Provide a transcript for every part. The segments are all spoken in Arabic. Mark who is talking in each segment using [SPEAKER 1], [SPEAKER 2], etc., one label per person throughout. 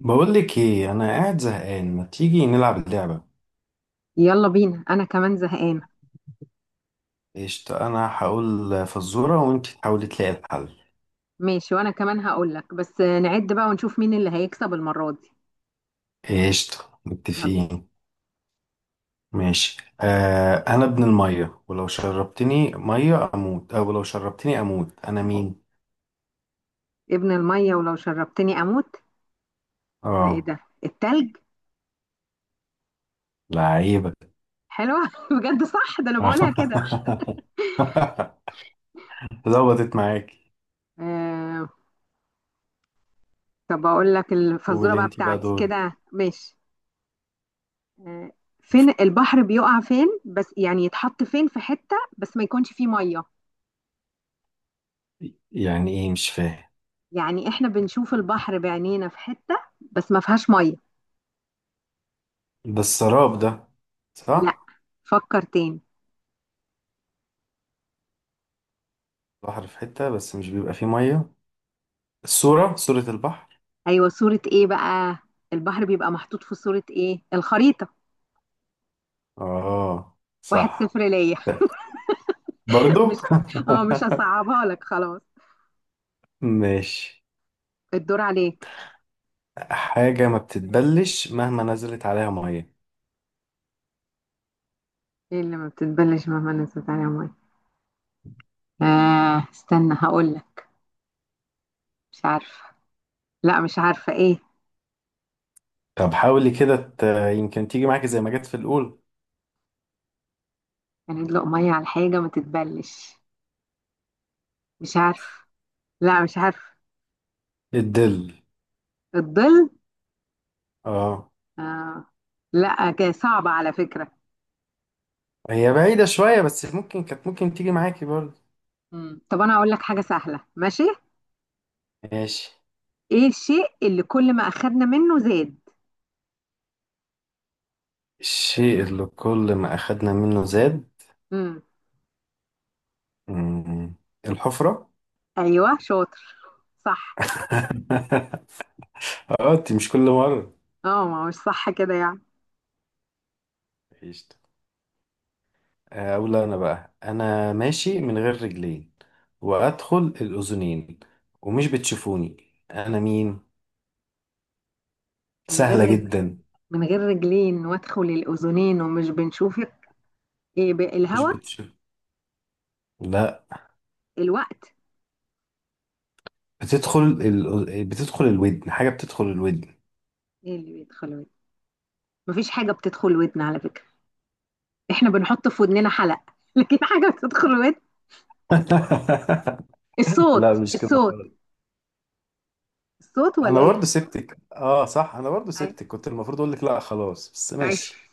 [SPEAKER 1] بقول لك ايه؟ انا قاعد زهقان، ما تيجي نلعب اللعبه؟
[SPEAKER 2] يلا بينا، انا كمان زهقان.
[SPEAKER 1] قشطه، انا هقول فزوره وانت تحاولي تلاقي الحل.
[SPEAKER 2] ماشي، وانا كمان هقول لك، بس نعد بقى ونشوف مين اللي هيكسب المرة دي.
[SPEAKER 1] قشطه
[SPEAKER 2] يلا.
[SPEAKER 1] متفقين. ماشي، آه، انا ابن الميه ولو شربتني ميه اموت، او لو شربتني اموت، انا مين؟
[SPEAKER 2] ابن المية ولو شربتني اموت. ده ايه
[SPEAKER 1] اه.
[SPEAKER 2] ده؟ التلج.
[SPEAKER 1] لعيبه.
[SPEAKER 2] حلوة بجد، صح، ده انا بقولها كده.
[SPEAKER 1] ظبطت معاكي.
[SPEAKER 2] آه. طب اقول لك الفزورة
[SPEAKER 1] قولي
[SPEAKER 2] بقى
[SPEAKER 1] انت بقى،
[SPEAKER 2] بتاعتي
[SPEAKER 1] دور.
[SPEAKER 2] كده؟ ماشي. آه، فين البحر بيقع، فين بس؟ يعني يتحط فين، في حتة بس ما يكونش فيه مية.
[SPEAKER 1] يعني ايه؟ مش فاهم.
[SPEAKER 2] يعني احنا بنشوف البحر بعينينا في حتة بس ما فيهاش مية.
[SPEAKER 1] ده السراب ده،
[SPEAKER 2] لا،
[SPEAKER 1] صح؟
[SPEAKER 2] فكر تاني.
[SPEAKER 1] بحر في حته بس مش بيبقى فيه ميه، الصوره صوره البحر.
[SPEAKER 2] ايوه، صورة ايه بقى؟ البحر بيبقى محطوط في صورة ايه؟ الخريطة.
[SPEAKER 1] اه
[SPEAKER 2] واحد
[SPEAKER 1] صح.
[SPEAKER 2] صفر ليا.
[SPEAKER 1] برضو.
[SPEAKER 2] مش اه مش هصعبها لك، خلاص.
[SPEAKER 1] ماشي.
[SPEAKER 2] الدور عليك.
[SPEAKER 1] حاجة ما بتتبلش مهما نزلت عليها مية.
[SPEAKER 2] ايه اللي ما بتتبلش مهما نزلت عليها ميه؟ آه، استنى هقول لك. مش عارفة. لا، مش عارفة، ايه؟
[SPEAKER 1] طب حاولي كده يمكن تيجي معاكي زي ما جت في الأول.
[SPEAKER 2] يعني ادلق ميه على حاجة ما تتبلش؟ مش عارفة. لا مش عارفة.
[SPEAKER 1] الدل.
[SPEAKER 2] الظل؟
[SPEAKER 1] اه.
[SPEAKER 2] آه. لا كده صعبة على فكرة.
[SPEAKER 1] هي بعيدة شوية بس ممكن كانت، ممكن تيجي معاكي برضو.
[SPEAKER 2] طب انا هقول لك حاجة سهلة، ماشي؟
[SPEAKER 1] ماشي.
[SPEAKER 2] ايه الشيء اللي كل ما اخدنا منه زاد؟
[SPEAKER 1] الشيء اللي كل ما أخدنا منه زاد.
[SPEAKER 2] مم.
[SPEAKER 1] مم. الحفرة.
[SPEAKER 2] ايوه شاطر، صح.
[SPEAKER 1] اه، انت مش كل مرة.
[SPEAKER 2] اه، ما هو مش صح كده يعني.
[SPEAKER 1] اقول انا بقى: انا ماشي من غير رجلين، وادخل الاذنين، ومش بتشوفوني، انا مين؟
[SPEAKER 2] من غير
[SPEAKER 1] سهلة
[SPEAKER 2] رج...
[SPEAKER 1] جدا.
[SPEAKER 2] من غير رجلين وادخل الاذنين ومش بنشوف، ايه بقى؟
[SPEAKER 1] مش
[SPEAKER 2] الهوا.
[SPEAKER 1] بتشوف. لا.
[SPEAKER 2] الوقت.
[SPEAKER 1] بتدخل الودن، حاجة بتدخل الودن.
[SPEAKER 2] ايه اللي بيدخل ودن؟ مفيش حاجه بتدخل ودن على فكره، احنا بنحط في ودننا حلق لكن حاجه بتدخل ودن؟
[SPEAKER 1] لا،
[SPEAKER 2] الصوت
[SPEAKER 1] مش كده
[SPEAKER 2] الصوت
[SPEAKER 1] خالص.
[SPEAKER 2] الصوت
[SPEAKER 1] انا
[SPEAKER 2] ولا ايه؟
[SPEAKER 1] برضو سبتك، اه صح، انا برضو
[SPEAKER 2] أي-
[SPEAKER 1] سبتك كنت المفروض اقول لك لا خلاص، بس
[SPEAKER 2] أي.
[SPEAKER 1] ماشي.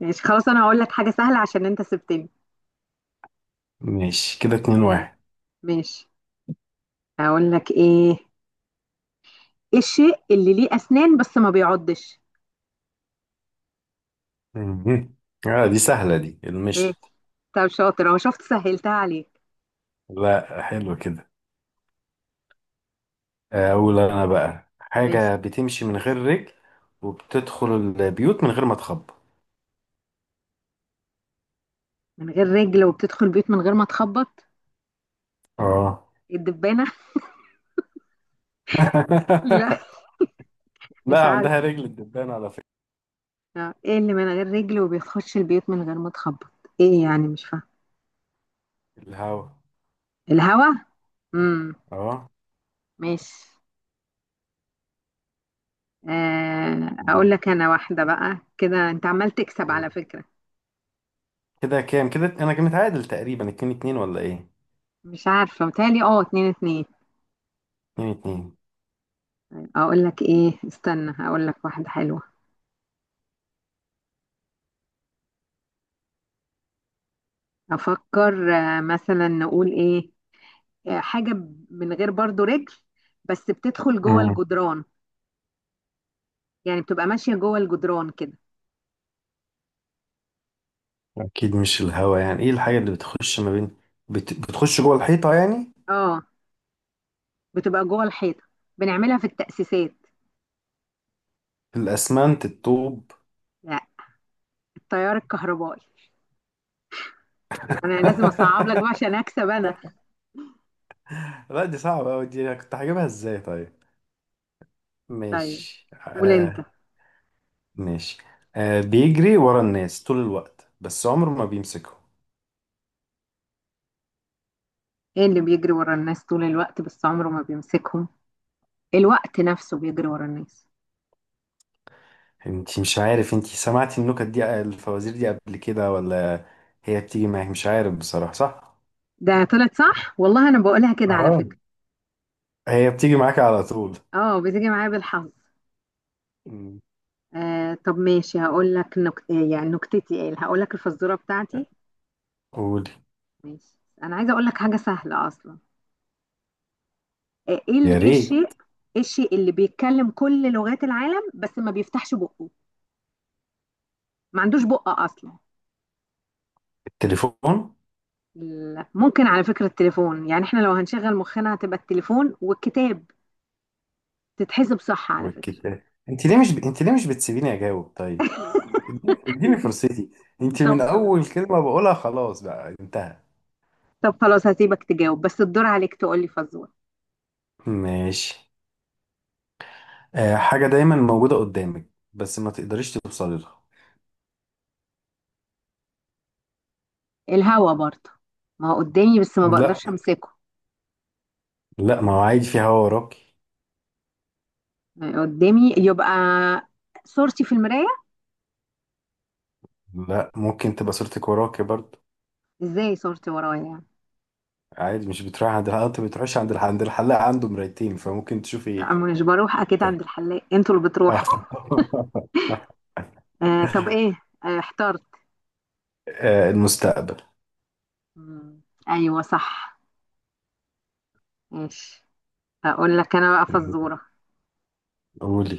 [SPEAKER 2] ماشي خلاص، انا هقول لك حاجه سهله عشان انت سبتني.
[SPEAKER 1] ماشي، كده اتنين
[SPEAKER 2] آه.
[SPEAKER 1] واحد.
[SPEAKER 2] ماشي. هقول لك ايه؟ ايه الشيء اللي ليه اسنان بس ما بيعضش؟
[SPEAKER 1] مهم. اه دي سهلة، دي
[SPEAKER 2] ايه؟
[SPEAKER 1] المشط.
[SPEAKER 2] طب شاطر، اهو شفت سهلتها عليك.
[SPEAKER 1] لا حلو كده. أقول أنا بقى:
[SPEAKER 2] ماشي.
[SPEAKER 1] حاجة بتمشي من غير رجل، وبتدخل البيوت من غير ما تخبط.
[SPEAKER 2] من غير رجل وبتدخل بيوت من غير ما تخبط؟
[SPEAKER 1] اه.
[SPEAKER 2] إيه؟ الدبانة؟ لا. مش
[SPEAKER 1] لا،
[SPEAKER 2] عارف.
[SPEAKER 1] عندها رجل الدبان على فكرة.
[SPEAKER 2] آه، ايه اللي من غير رجل وبيخش البيوت من غير ما تخبط؟ ايه يعني؟ مش فاهم.
[SPEAKER 1] الهوا.
[SPEAKER 2] الهوا. امم
[SPEAKER 1] اه.
[SPEAKER 2] ماشي. آه، اقول
[SPEAKER 1] دول
[SPEAKER 2] لك انا واحدة بقى كده، انت عمال تكسب على فكرة.
[SPEAKER 1] كده كام؟ كده أنا كنت متعادل تقريبا اتنين اتنين ولا إيه؟
[SPEAKER 2] مش عارفة، متهيألي اه، اتنين اتنين.
[SPEAKER 1] اتنين اتنين.
[SPEAKER 2] اقول لك ايه، استنى اقول لك واحدة حلوة. افكر. آه، مثلا نقول ايه؟ آه، حاجة من غير برضو رجل، بس بتدخل جوه
[SPEAKER 1] مم.
[SPEAKER 2] الجدران. يعني بتبقى ماشية جوه الجدران كده.
[SPEAKER 1] أكيد مش الهوا، يعني إيه الحاجة اللي بتخش ما بين، بتخش جوه الحيطة يعني؟
[SPEAKER 2] اه، بتبقى جوه الحيطه. بنعملها في التأسيسات.
[SPEAKER 1] الأسمنت، الطوب.
[SPEAKER 2] لا، التيار الكهربائي. انا لازم اصعب لك بقى عشان اكسب انا.
[SPEAKER 1] لا دي صعبة أوي، دي أنا كنت هجيبها إزاي طيب؟
[SPEAKER 2] طيب
[SPEAKER 1] ماشي
[SPEAKER 2] قول انت.
[SPEAKER 1] آه. ماشي، آه بيجري ورا الناس طول الوقت بس عمره ما بيمسكهم.
[SPEAKER 2] ايه اللي بيجري ورا الناس طول الوقت بس عمره ما بيمسكهم؟ الوقت نفسه بيجري ورا الناس.
[SPEAKER 1] انتي مش عارف، انتي سمعتي النكت دي، الفوازير دي قبل كده ولا؟ هي بتيجي معاك مش عارف بصراحة، صح؟
[SPEAKER 2] ده طلعت صح والله، انا بقولها كده على
[SPEAKER 1] اه
[SPEAKER 2] فكرة.
[SPEAKER 1] هي بتيجي معاك على طول.
[SPEAKER 2] اه بتيجي معايا بالحظ.
[SPEAKER 1] مم.
[SPEAKER 2] آه، طب ماشي هقول لك إيه يعني نكتتي، ايه هقول لك الفزورة بتاعتي.
[SPEAKER 1] قولي.
[SPEAKER 2] ماشي. انا عايزة اقول لك حاجة سهلة اصلا. آه،
[SPEAKER 1] يا
[SPEAKER 2] ايه الشيء،
[SPEAKER 1] ريت.
[SPEAKER 2] ايه الشيء اللي بيتكلم كل لغات العالم بس ما بيفتحش بقه؟ ما عندوش بق اصلا.
[SPEAKER 1] التليفون
[SPEAKER 2] ممكن على فكرة التليفون، يعني احنا لو هنشغل مخنا هتبقى التليفون والكتاب. تتحسب صح على فكرة؟
[SPEAKER 1] والكتاب. انت ليه مش ب... انت ليه مش بتسيبيني اجاوب طيب؟ اديني فرصتي، انت من
[SPEAKER 2] طب خلاص.
[SPEAKER 1] اول كلمة بقولها خلاص بقى انتهى.
[SPEAKER 2] طب خلاص هسيبك تجاوب، بس الدور عليك تقولي فزورة.
[SPEAKER 1] ماشي. آه حاجة دايما موجودة قدامك، بس ما تقدريش توصلي لها.
[SPEAKER 2] الهوا برضه. ما هو قدامي بس ما بقدرش
[SPEAKER 1] لا.
[SPEAKER 2] امسكه.
[SPEAKER 1] لا، ما هو عادي في هوا وراكي.
[SPEAKER 2] قدامي يبقى، صورتي في المراية.
[SPEAKER 1] لا، ممكن تبقى صورتك وراكي برضه.
[SPEAKER 2] ازاي صورتي ورايا يعني؟
[SPEAKER 1] عادي، مش بتروح عند الحلاق؟ انت بتروحش عند عند الحلاق؟ عنده مرايتين فممكن تشوفي.
[SPEAKER 2] لا، أنا مش بروح اكيد
[SPEAKER 1] ده.
[SPEAKER 2] عند الحلاق، انتوا اللي
[SPEAKER 1] آه.
[SPEAKER 2] بتروحوا. آه، طب ايه، آه احترت.
[SPEAKER 1] آه، المستقبل.
[SPEAKER 2] مم. ايوه صح. ماشي. هقول لك انا بقى فزورة.
[SPEAKER 1] قولي.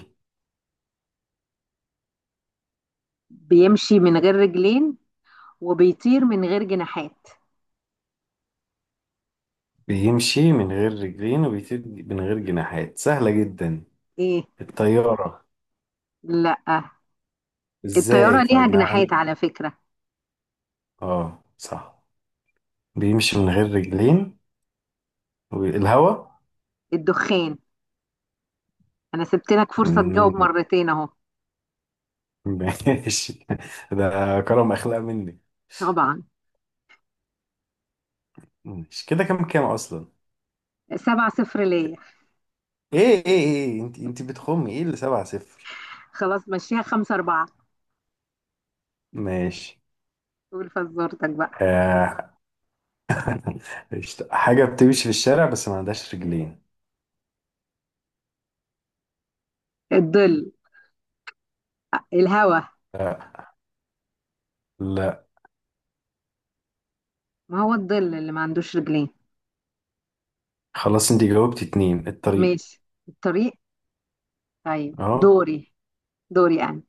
[SPEAKER 2] بيمشي من غير رجلين وبيطير من غير جناحات.
[SPEAKER 1] بيمشي من غير رجلين وبيطير من غير جناحات، سهلة جدا.
[SPEAKER 2] ايه؟
[SPEAKER 1] الطيارة.
[SPEAKER 2] لا،
[SPEAKER 1] ازاي
[SPEAKER 2] الطيارة ليها
[SPEAKER 1] طيب؟ ما
[SPEAKER 2] جناحات
[SPEAKER 1] عند،
[SPEAKER 2] على فكرة.
[SPEAKER 1] اه صح. بيمشي من غير رجلين، والهوا.
[SPEAKER 2] الدخان. انا سبت لك فرصة تجاوب
[SPEAKER 1] مم،
[SPEAKER 2] مرتين اهو.
[SPEAKER 1] ماشي. ده كرم اخلاق مني.
[SPEAKER 2] طبعا.
[SPEAKER 1] ماشي، كده كام كام اصلا؟
[SPEAKER 2] سبعة صفر ليا.
[SPEAKER 1] ايه ايه ايه، انت بتخمي، ايه اللي سبعة صفر؟
[SPEAKER 2] خلاص مشيها، خمسة أربعة.
[SPEAKER 1] ماشي
[SPEAKER 2] قول فزورتك بقى.
[SPEAKER 1] آه. قشطة. حاجة بتمشي في الشارع بس ما عندهاش رجلين.
[SPEAKER 2] الظل. الهوا.
[SPEAKER 1] لا. لا
[SPEAKER 2] ما هو الظل اللي ما عندوش رجلين.
[SPEAKER 1] خلاص، انت جاوبتي اتنين. الطريق.
[SPEAKER 2] ماشي. الطريق. طيب
[SPEAKER 1] اه.
[SPEAKER 2] دوري، دوري أنا.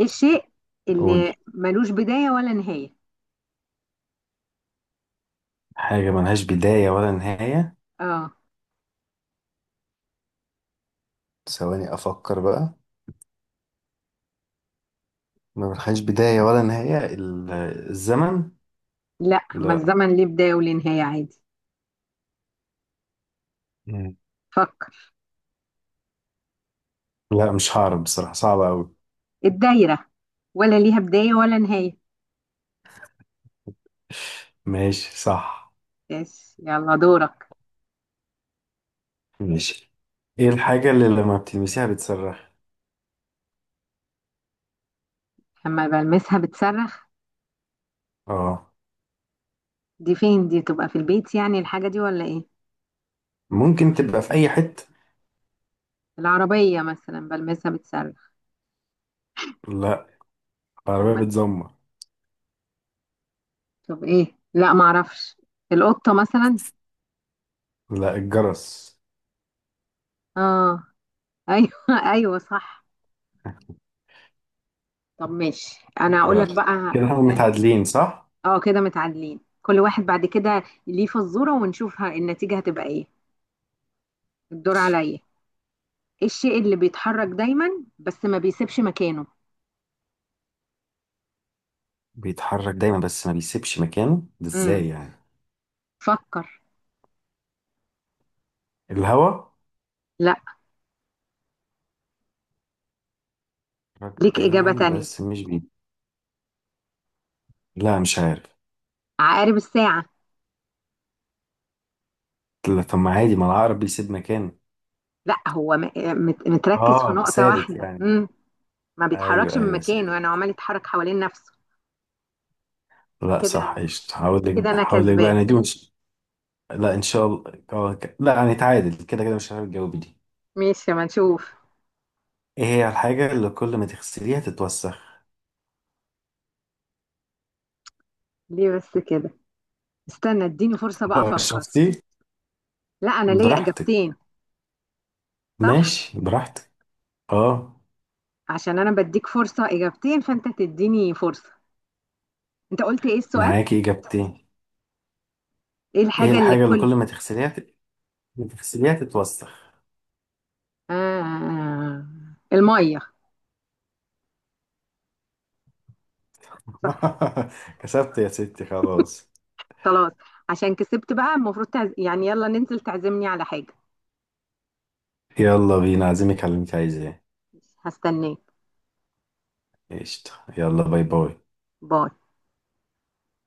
[SPEAKER 2] الشيء اللي
[SPEAKER 1] قولي.
[SPEAKER 2] ملوش بداية ولا نهاية.
[SPEAKER 1] حاجة ملهاش بداية ولا نهاية.
[SPEAKER 2] اه.
[SPEAKER 1] ثواني افكر بقى. ما ملهاش بداية ولا نهاية، الزمن.
[SPEAKER 2] لا، ما
[SPEAKER 1] لا.
[SPEAKER 2] الزمن ليه بداية وليه نهاية عادي.
[SPEAKER 1] مم.
[SPEAKER 2] فكر.
[SPEAKER 1] لا مش هعرف بصراحة، صعبة أوي.
[SPEAKER 2] الدايرة، ولا ليها بداية ولا نهاية.
[SPEAKER 1] ماشي صح.
[SPEAKER 2] بس يلا دورك.
[SPEAKER 1] ماشي. ايه الحاجة اللي لما بتلمسيها بتصرخ؟
[SPEAKER 2] لما بلمسها بتصرخ؟
[SPEAKER 1] اه.
[SPEAKER 2] دي فين دي، تبقى في البيت يعني الحاجة دي ولا ايه؟
[SPEAKER 1] ممكن تبقى في أي حتة.
[SPEAKER 2] العربية مثلا بلمسها بتصرخ؟
[SPEAKER 1] لا،
[SPEAKER 2] او ما
[SPEAKER 1] العربية بتزمر.
[SPEAKER 2] طب ايه، لا ما اعرفش. القطة مثلا؟
[SPEAKER 1] لا، الجرس.
[SPEAKER 2] اه. ايوه ايوه صح. طب ماشي، انا هقول لك
[SPEAKER 1] الجرس.
[SPEAKER 2] بقى.
[SPEAKER 1] كده احنا متعادلين صح؟
[SPEAKER 2] اه كده متعادلين، كل واحد بعد كده ليه فزورة، ونشوف النتيجة هتبقى ايه. الدور عليا. ايه الشيء اللي بيتحرك دايما بس ما بيسيبش مكانه؟
[SPEAKER 1] بيتحرك دايما بس ما بيسيبش مكانه، ده
[SPEAKER 2] امم
[SPEAKER 1] ازاي يعني؟
[SPEAKER 2] فكر.
[SPEAKER 1] الهوا.
[SPEAKER 2] لا،
[SPEAKER 1] بيتحرك
[SPEAKER 2] ليك إجابة
[SPEAKER 1] دايما
[SPEAKER 2] تانية.
[SPEAKER 1] بس مش بي لا مش عارف.
[SPEAKER 2] عقارب الساعة.
[SPEAKER 1] لا، طب ما عادي، ما العقرب بيسيب مكانه.
[SPEAKER 2] لا، هو متركز في
[SPEAKER 1] اه
[SPEAKER 2] نقطة
[SPEAKER 1] ثابت
[SPEAKER 2] واحدة.
[SPEAKER 1] يعني.
[SPEAKER 2] ما
[SPEAKER 1] ايوه
[SPEAKER 2] بيتحركش من
[SPEAKER 1] ايوه
[SPEAKER 2] مكانه، انا
[SPEAKER 1] ثابت.
[SPEAKER 2] عمال يتحرك حوالين نفسه.
[SPEAKER 1] لا
[SPEAKER 2] كده،
[SPEAKER 1] صح قشطة. هقول لك،
[SPEAKER 2] كده انا
[SPEAKER 1] هقول لك بقى
[SPEAKER 2] كسبانة.
[SPEAKER 1] انا، دي مش. لا ان شاء الله. آه، لا هنتعادل كده كده، مش عارف الجواب دي.
[SPEAKER 2] ماشي ما نشوف.
[SPEAKER 1] ايه هي الحاجة اللي كل ما تغسليها تتوسخ؟
[SPEAKER 2] ليه بس كده؟ استنى اديني فرصة بقى
[SPEAKER 1] آه،
[SPEAKER 2] افكر.
[SPEAKER 1] شفتي.
[SPEAKER 2] لا، انا ليا
[SPEAKER 1] براحتك.
[SPEAKER 2] اجابتين. صح.
[SPEAKER 1] ماشي براحتك. اه.
[SPEAKER 2] عشان انا بديك فرصة اجابتين فانت تديني فرصة. انت قلت ايه السؤال؟
[SPEAKER 1] معاكي اجابتين.
[SPEAKER 2] ايه
[SPEAKER 1] ايه
[SPEAKER 2] الحاجة اللي
[SPEAKER 1] الحاجة اللي
[SPEAKER 2] كل،
[SPEAKER 1] كل ما تغسليها، ما تغسليها تتوسخ؟
[SPEAKER 2] آه المية. صح.
[SPEAKER 1] كسبت يا ستي خلاص.
[SPEAKER 2] خلاص. عشان كسبت بقى المفروض يعني يلا ننزل تعزمني على حاجة.
[SPEAKER 1] يلا بينا، عازمك على اللي انت عايزاه.
[SPEAKER 2] هستناك.
[SPEAKER 1] قشطة. يلا باي باي.
[SPEAKER 2] باي.